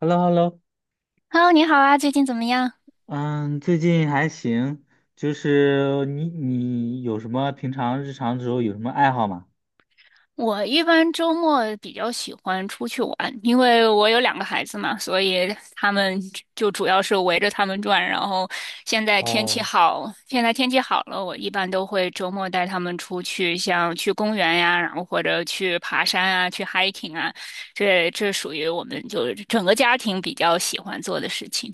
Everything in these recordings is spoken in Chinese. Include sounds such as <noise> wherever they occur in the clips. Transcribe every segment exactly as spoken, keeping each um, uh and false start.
Hello，Hello，Hello，你好啊，最近怎么样？嗯，最近还行，就是你你有什么平常日常的时候有什么爱好吗？我一般周末比较喜欢出去玩，因为我有两个孩子嘛，所以他们就主要是围着他们转。然后现在天气哦。好，现在天气好了，我一般都会周末带他们出去，像去公园呀，然后或者去爬山啊，去 hiking 啊，这这属于我们就是整个家庭比较喜欢做的事情。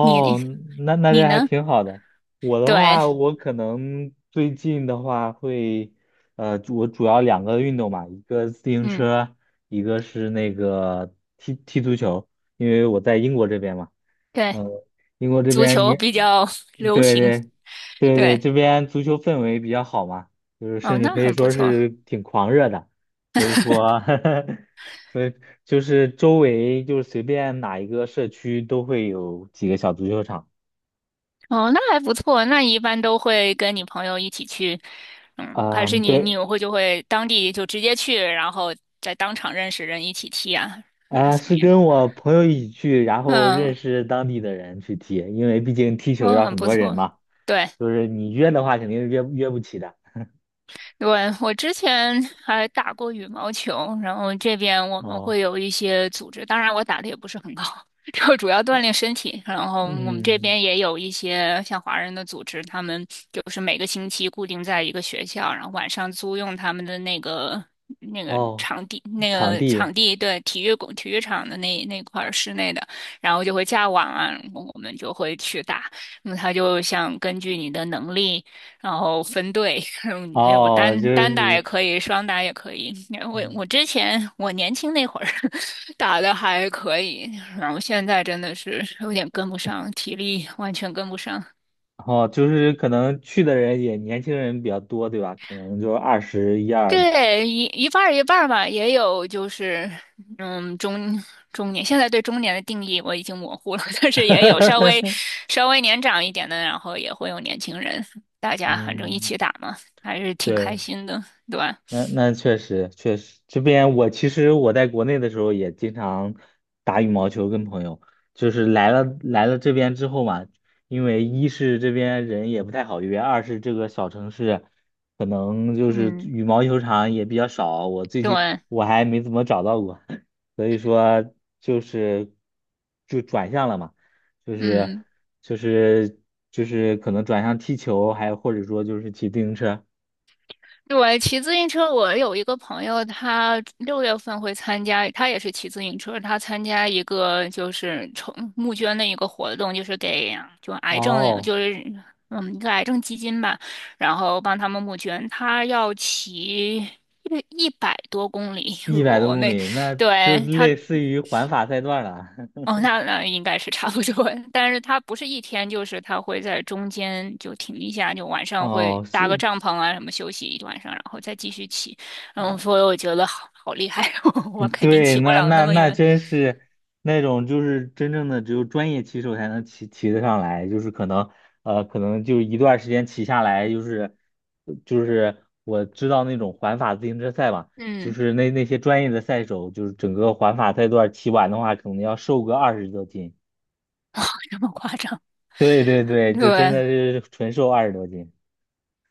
你那那你这还呢？挺好的。我的对。话，我可能最近的话会，呃，主我主要两个运动嘛，一个自行嗯，车，一个是那个踢踢足球，因为我在英国这边嘛。对，嗯，英国这足边球你，比较 <laughs> 流对行。对对对，对。这边足球氛围比较好嘛，就是哦，甚至那可以很不说错。是挺狂热的，所以说，<laughs> 所以就是周围就是随便哪一个社区都会有几个小足球场。哦，那还不错。那你一般都会跟你朋友一起去，嗯，还是嗯，你你对，会就会当地就直接去，然后在当场认识人一起踢啊，或者是啊，怎么是样？跟我朋友一起去，然后认嗯，识当地的人去踢，因为毕竟踢球哦，要很很不多人错。嘛，对。就是你约的话肯定是约约不起的。对，我之前还打过羽毛球，然后这边我们会哦，有一些组织，当然我打的也不是很高，<laughs> 就主要锻炼身体。然后我们这嗯，边也有一些像华人的组织，他们就是每个星期固定在一个学校，然后晚上租用他们的那个那个哦，场地，那场个地，场地对体育馆、体育场的那那块儿室内的，然后就会架网啊，我们就会去打。那么他就想根据你的能力。然后分队，<laughs> 嗯，有哦，就单单打也是，可以，双打也可以。我嗯我之前我年轻那会儿 <laughs> 打的还可以，然后现在真的是有点跟不上，体力完全跟不上。哦，就是可能去的人也年轻人比较多，对吧？可能就二十一二的。对，一一半儿一半儿吧，也有就是，嗯，中中年，现在对中年的定义我已经模糊了，<laughs> 但是也有稍微 <laughs> 稍微年长一点的，然后也会有年轻人，大家反正一嗯，起打嘛，还是挺开对。心的，对吧？那那确实确实，这边我其实我在国内的时候也经常打羽毛球，跟朋友，就是来了来了这边之后嘛，因为一是这边人也不太好约，二是这个小城市可能就是嗯，羽毛球场也比较少，我最近对，我还没怎么找到过，<laughs> 所以说就是就转向了嘛，就是嗯。就是就是可能转向踢球，还有或者说就是骑自行车。对，骑自行车，我有一个朋友，他六月份会参加，他也是骑自行车，他参加一个就是筹募捐的一个活动，就是给就癌症哦。就是嗯一个癌症基金吧，然后帮他们募捐，他要骑一一百多公里，一如百果多我公没里，那就对他。类似于环法赛段了。哦，<laughs> 那那应该是差不多，<laughs> 但是它不是一天，就是它会在中间就停一下，就晚上会哦，搭个是帐篷啊什么休息一晚上，然后再继续骑。嗯，啊，所以我觉得好好厉害，<laughs> 我嗯肯定对，骑不那了那那么那远。真是那种就是真正的只有专业骑手才能骑骑得上来，就是可能呃可能就一段时间骑下来，就是就是我知道那种环法自行车赛嘛，就嗯，是那那些专业的赛手，就是整个环法赛段骑完的话，可能要瘦个二十多斤。这么夸张？<laughs> 对对对，就真的对，是纯瘦二十多斤。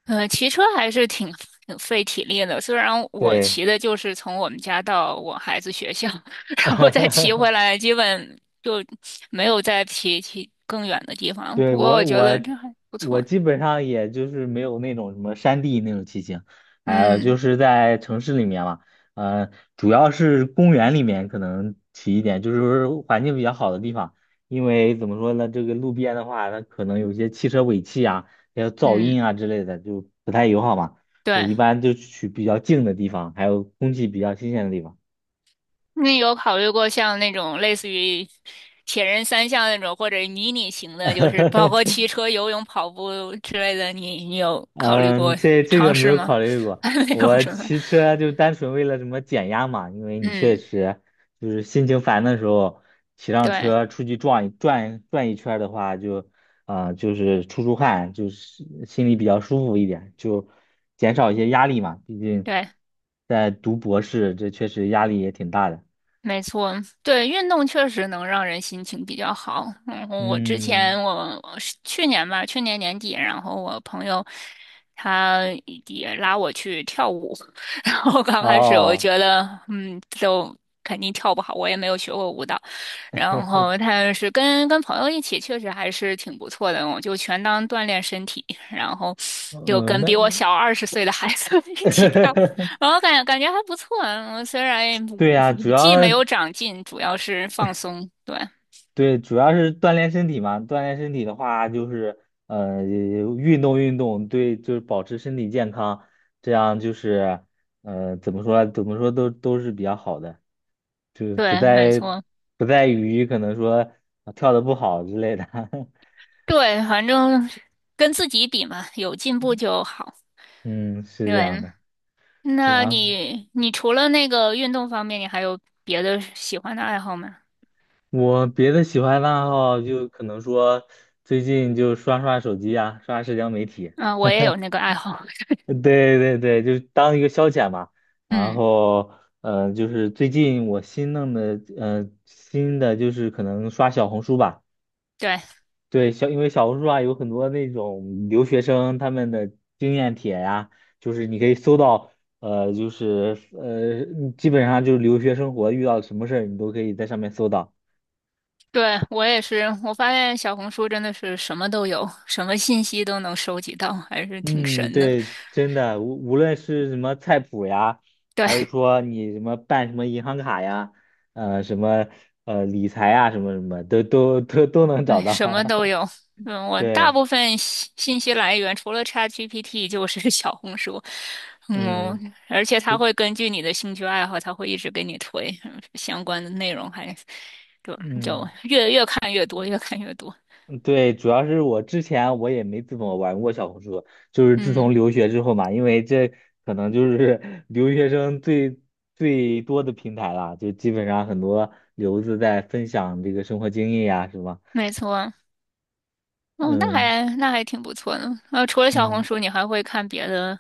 呃，骑车还是挺挺费体力的。虽然我对。骑的就是从我们家到我孩子学校，<laughs> 然后再骑回 <laughs> 来，基本就没有再骑骑更远的地方。对，不过我我觉得我这还不我错。基本上也就是没有那种什么山地那种骑行，呃，就嗯是在城市里面嘛，呃，主要是公园里面可能骑一点，就是环境比较好的地方，因为怎么说呢，这个路边的话，它可能有一些汽车尾气啊，还有噪嗯，音啊之类的，就不太友好嘛。我对，一般就去比较静的地方，还有空气比较新鲜的地方。那有考虑过像那种类似于铁人三项那种，或者迷你型的，就是包括 <laughs> 骑车、游泳、跑步之类的，你你有考虑嗯，过这这个尝没试有吗？考虑 <laughs> 过。还没有我什么。骑车就单纯为了什么减压嘛，因为你确嗯，实就是心情烦的时候，骑上对车出去转一转转一圈儿的话，就啊、呃就是出出汗，就是心里比较舒服一点，就减少一些压力嘛。毕竟对，在读博士，这确实压力也挺大的。没错，对，运动确实能让人心情比较好。然后我之嗯，前我我是去年吧，去年年底，然后我朋友他也拉我去跳舞，<laughs> 然后刚开始我哦。觉得嗯，都肯定跳不好，我也没有学过舞蹈。然 <laughs> 后但是跟跟朋友一起，确实还是挺不错的，我就全当锻炼身体，然后就嗯，跟那 比我小二十岁的孩子 <laughs> 一起跳。<laughs> 我感感觉还不错，嗯虽然对五呀，主五技要没有长进，主要是放松。对对，主要是锻炼身体嘛。锻炼身体的话，就是呃，运动运动，对，就是保持身体健康，这样就是呃，怎么说，怎么说都都是比较好的，就是不对，没在错，不在于可能说啊跳的不好之类的。<laughs> 对，反正跟自己比嘛，有进步就好。嗯，是这样对，的。那然后你你除了那个运动方面，你还有别的喜欢的爱好吗？我别的喜欢的爱好就可能说最近就刷刷手机啊，刷社交媒体。嗯，我也有那个爱好。<laughs> 对对对，就是当一个消遣嘛。然嗯，后，呃，就是最近我新弄的，呃，新的就是可能刷小红书吧。对对，小，因为小红书啊有很多那种留学生他们的经验帖呀，就是你可以搜到，呃，就是呃，基本上就是留学生活遇到什么事儿，你都可以在上面搜到。对，我也是。我发现小红书真的是什么都有，什么信息都能收集到，还是挺嗯，神的。对，真的，无无论是什么菜谱呀，还是对，说你什么办什么银行卡呀，呃，什么呃理财呀，什么什么，都都都都能找哎，什到。么 <laughs> 都有。嗯，我大对，部分信信息来源除了 ChatGPT 就是 <laughs> 小红书。嗯，嗯，而且对，它会根据你的兴趣爱好，它会一直给你推嗯相关的内容还，就就嗯，越越看越多，越看越多。对，主要是我之前我也没怎么玩过小红书，就是自嗯，从留学之后嘛，因为这可能就是 <laughs> 留学生最最多的平台了，就基本上很多留子在分享这个生活经验呀，什么，没错。哦，那嗯还那还挺不错的。呃，除了小红嗯。书，你还会看别的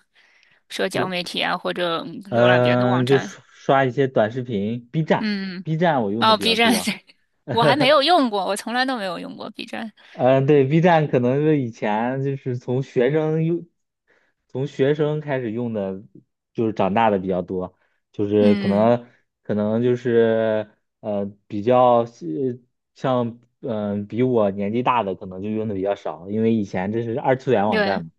社交媒体啊，或者嗯浏览别的网嗯、就站？刷刷一些短视频，B 站嗯，，B 站我用的哦比较，B 站，多。<laughs> 我还没有用过，我从来都没有用过 B 站。嗯、呃对，B 站可能是以前就是从学生用，从学生开始用的，就是长大的比较多，就是可嗯，能可能就是呃比较是像嗯、呃比我年纪大的可能就用的比较少，因为以前这是二次元网对，站嘛。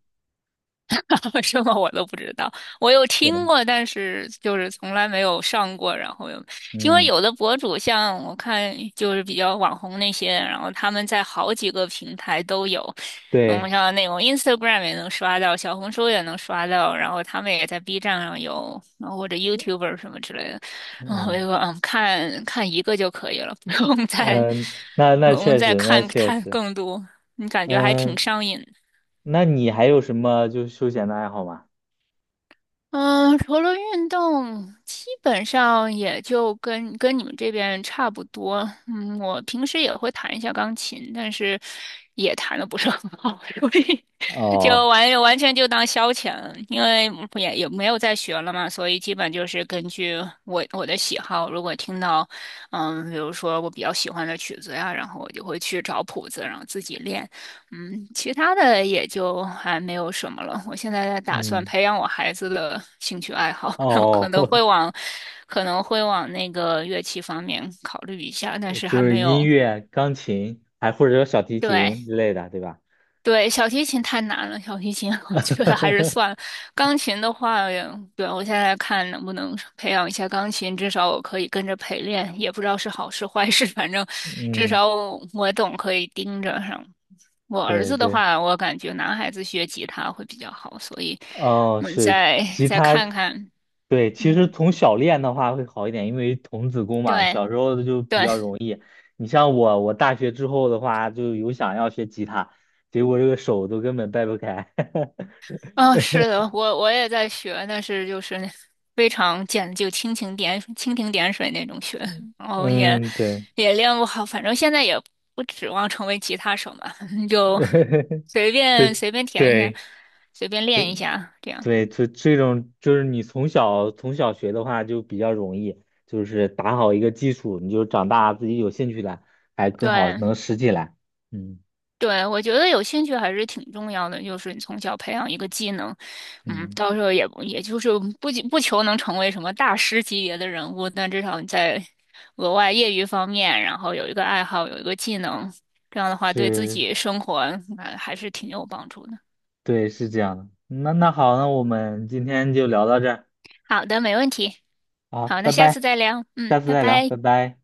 <laughs> 为什么我都不知道，我有听对，过，但是就是从来没有上过。然后有，因为嗯，有的博主像我看就是比较网红那些，然后他们在好几个平台都有，嗯，对，像那种 Instagram 也能刷到，小红书也能刷到，然后他们也在 B 站上有，然后或者 YouTuber 什么之类的。然后我嗯就说，嗯，看看一个就可以了，<laughs> 不用再嗯，那不那用确再实，那看确看实，更多。你感觉还挺嗯。上瘾那你还有什么就是休闲的爱好吗？嗯，除了运动，基本上也就跟跟你们这边差不多。嗯，我平时也会弹一下钢琴，但是也弹的不是很好，<laughs> 所以就哦，完完全就当消遣了，因为也也没有在学了嘛，所以基本就是根据我我的喜好，如果听到，嗯，比如说我比较喜欢的曲子呀，然后我就会去找谱子，然后自己练，嗯，其他的也就还没有什么了。我现在在打算嗯，培养我孩子的兴趣爱好，<laughs> 然后可哦，能会 <laughs> 往可能会往那个乐器方面考虑一下，但是就还是没音有，乐、钢琴，还或者说小提琴对，之类的，对吧？对，小提琴太难了，小提琴 <laughs> 我觉得还是算了。<laughs> 钢琴的话，对，我现在看能不能培养一下钢琴，至少我可以跟着陪练，也不知道是好事坏事，反正至嗯，少我我总可以盯着上。我儿对子的对，话，我感觉男孩子学吉他会比较好，所以哦，我们是再吉再他，看看。对，其实嗯，从小练的话会好一点，因为童子功嘛，对小时候就比对，较容易。你像我，我大学之后的话，就有想要学吉他，结果这个手都根本掰不开。<laughs> 啊、是的，我我也在学，但是就是非常简，就蜻蜓点蜻蜓点水那种学，然后也嗯，对，也练不好，反正现在也不指望成为吉他手嘛，<laughs> 就 <laughs> 随便对随便填一下，对，随便练一下这样。对，这这种就是你从小从小学的话就比较容易，就是打好一个基础，你就长大自己有兴趣了，还更好对，能拾起来。嗯对，我觉得有兴趣还是挺重要的，就是你从小培养一个技能，嗯，嗯，到时候也不也就是不仅不求能成为什么大师级别的人物，但至少你在额外业余方面，然后有一个爱好，有一个技能，这样的话对自是，己生活，呃还是挺有帮助的。对，是这样的。那那好，那我们今天就聊到这儿，好的，没问题。好，好，那拜下拜，次再聊。嗯，下次拜再聊，拜。拜拜。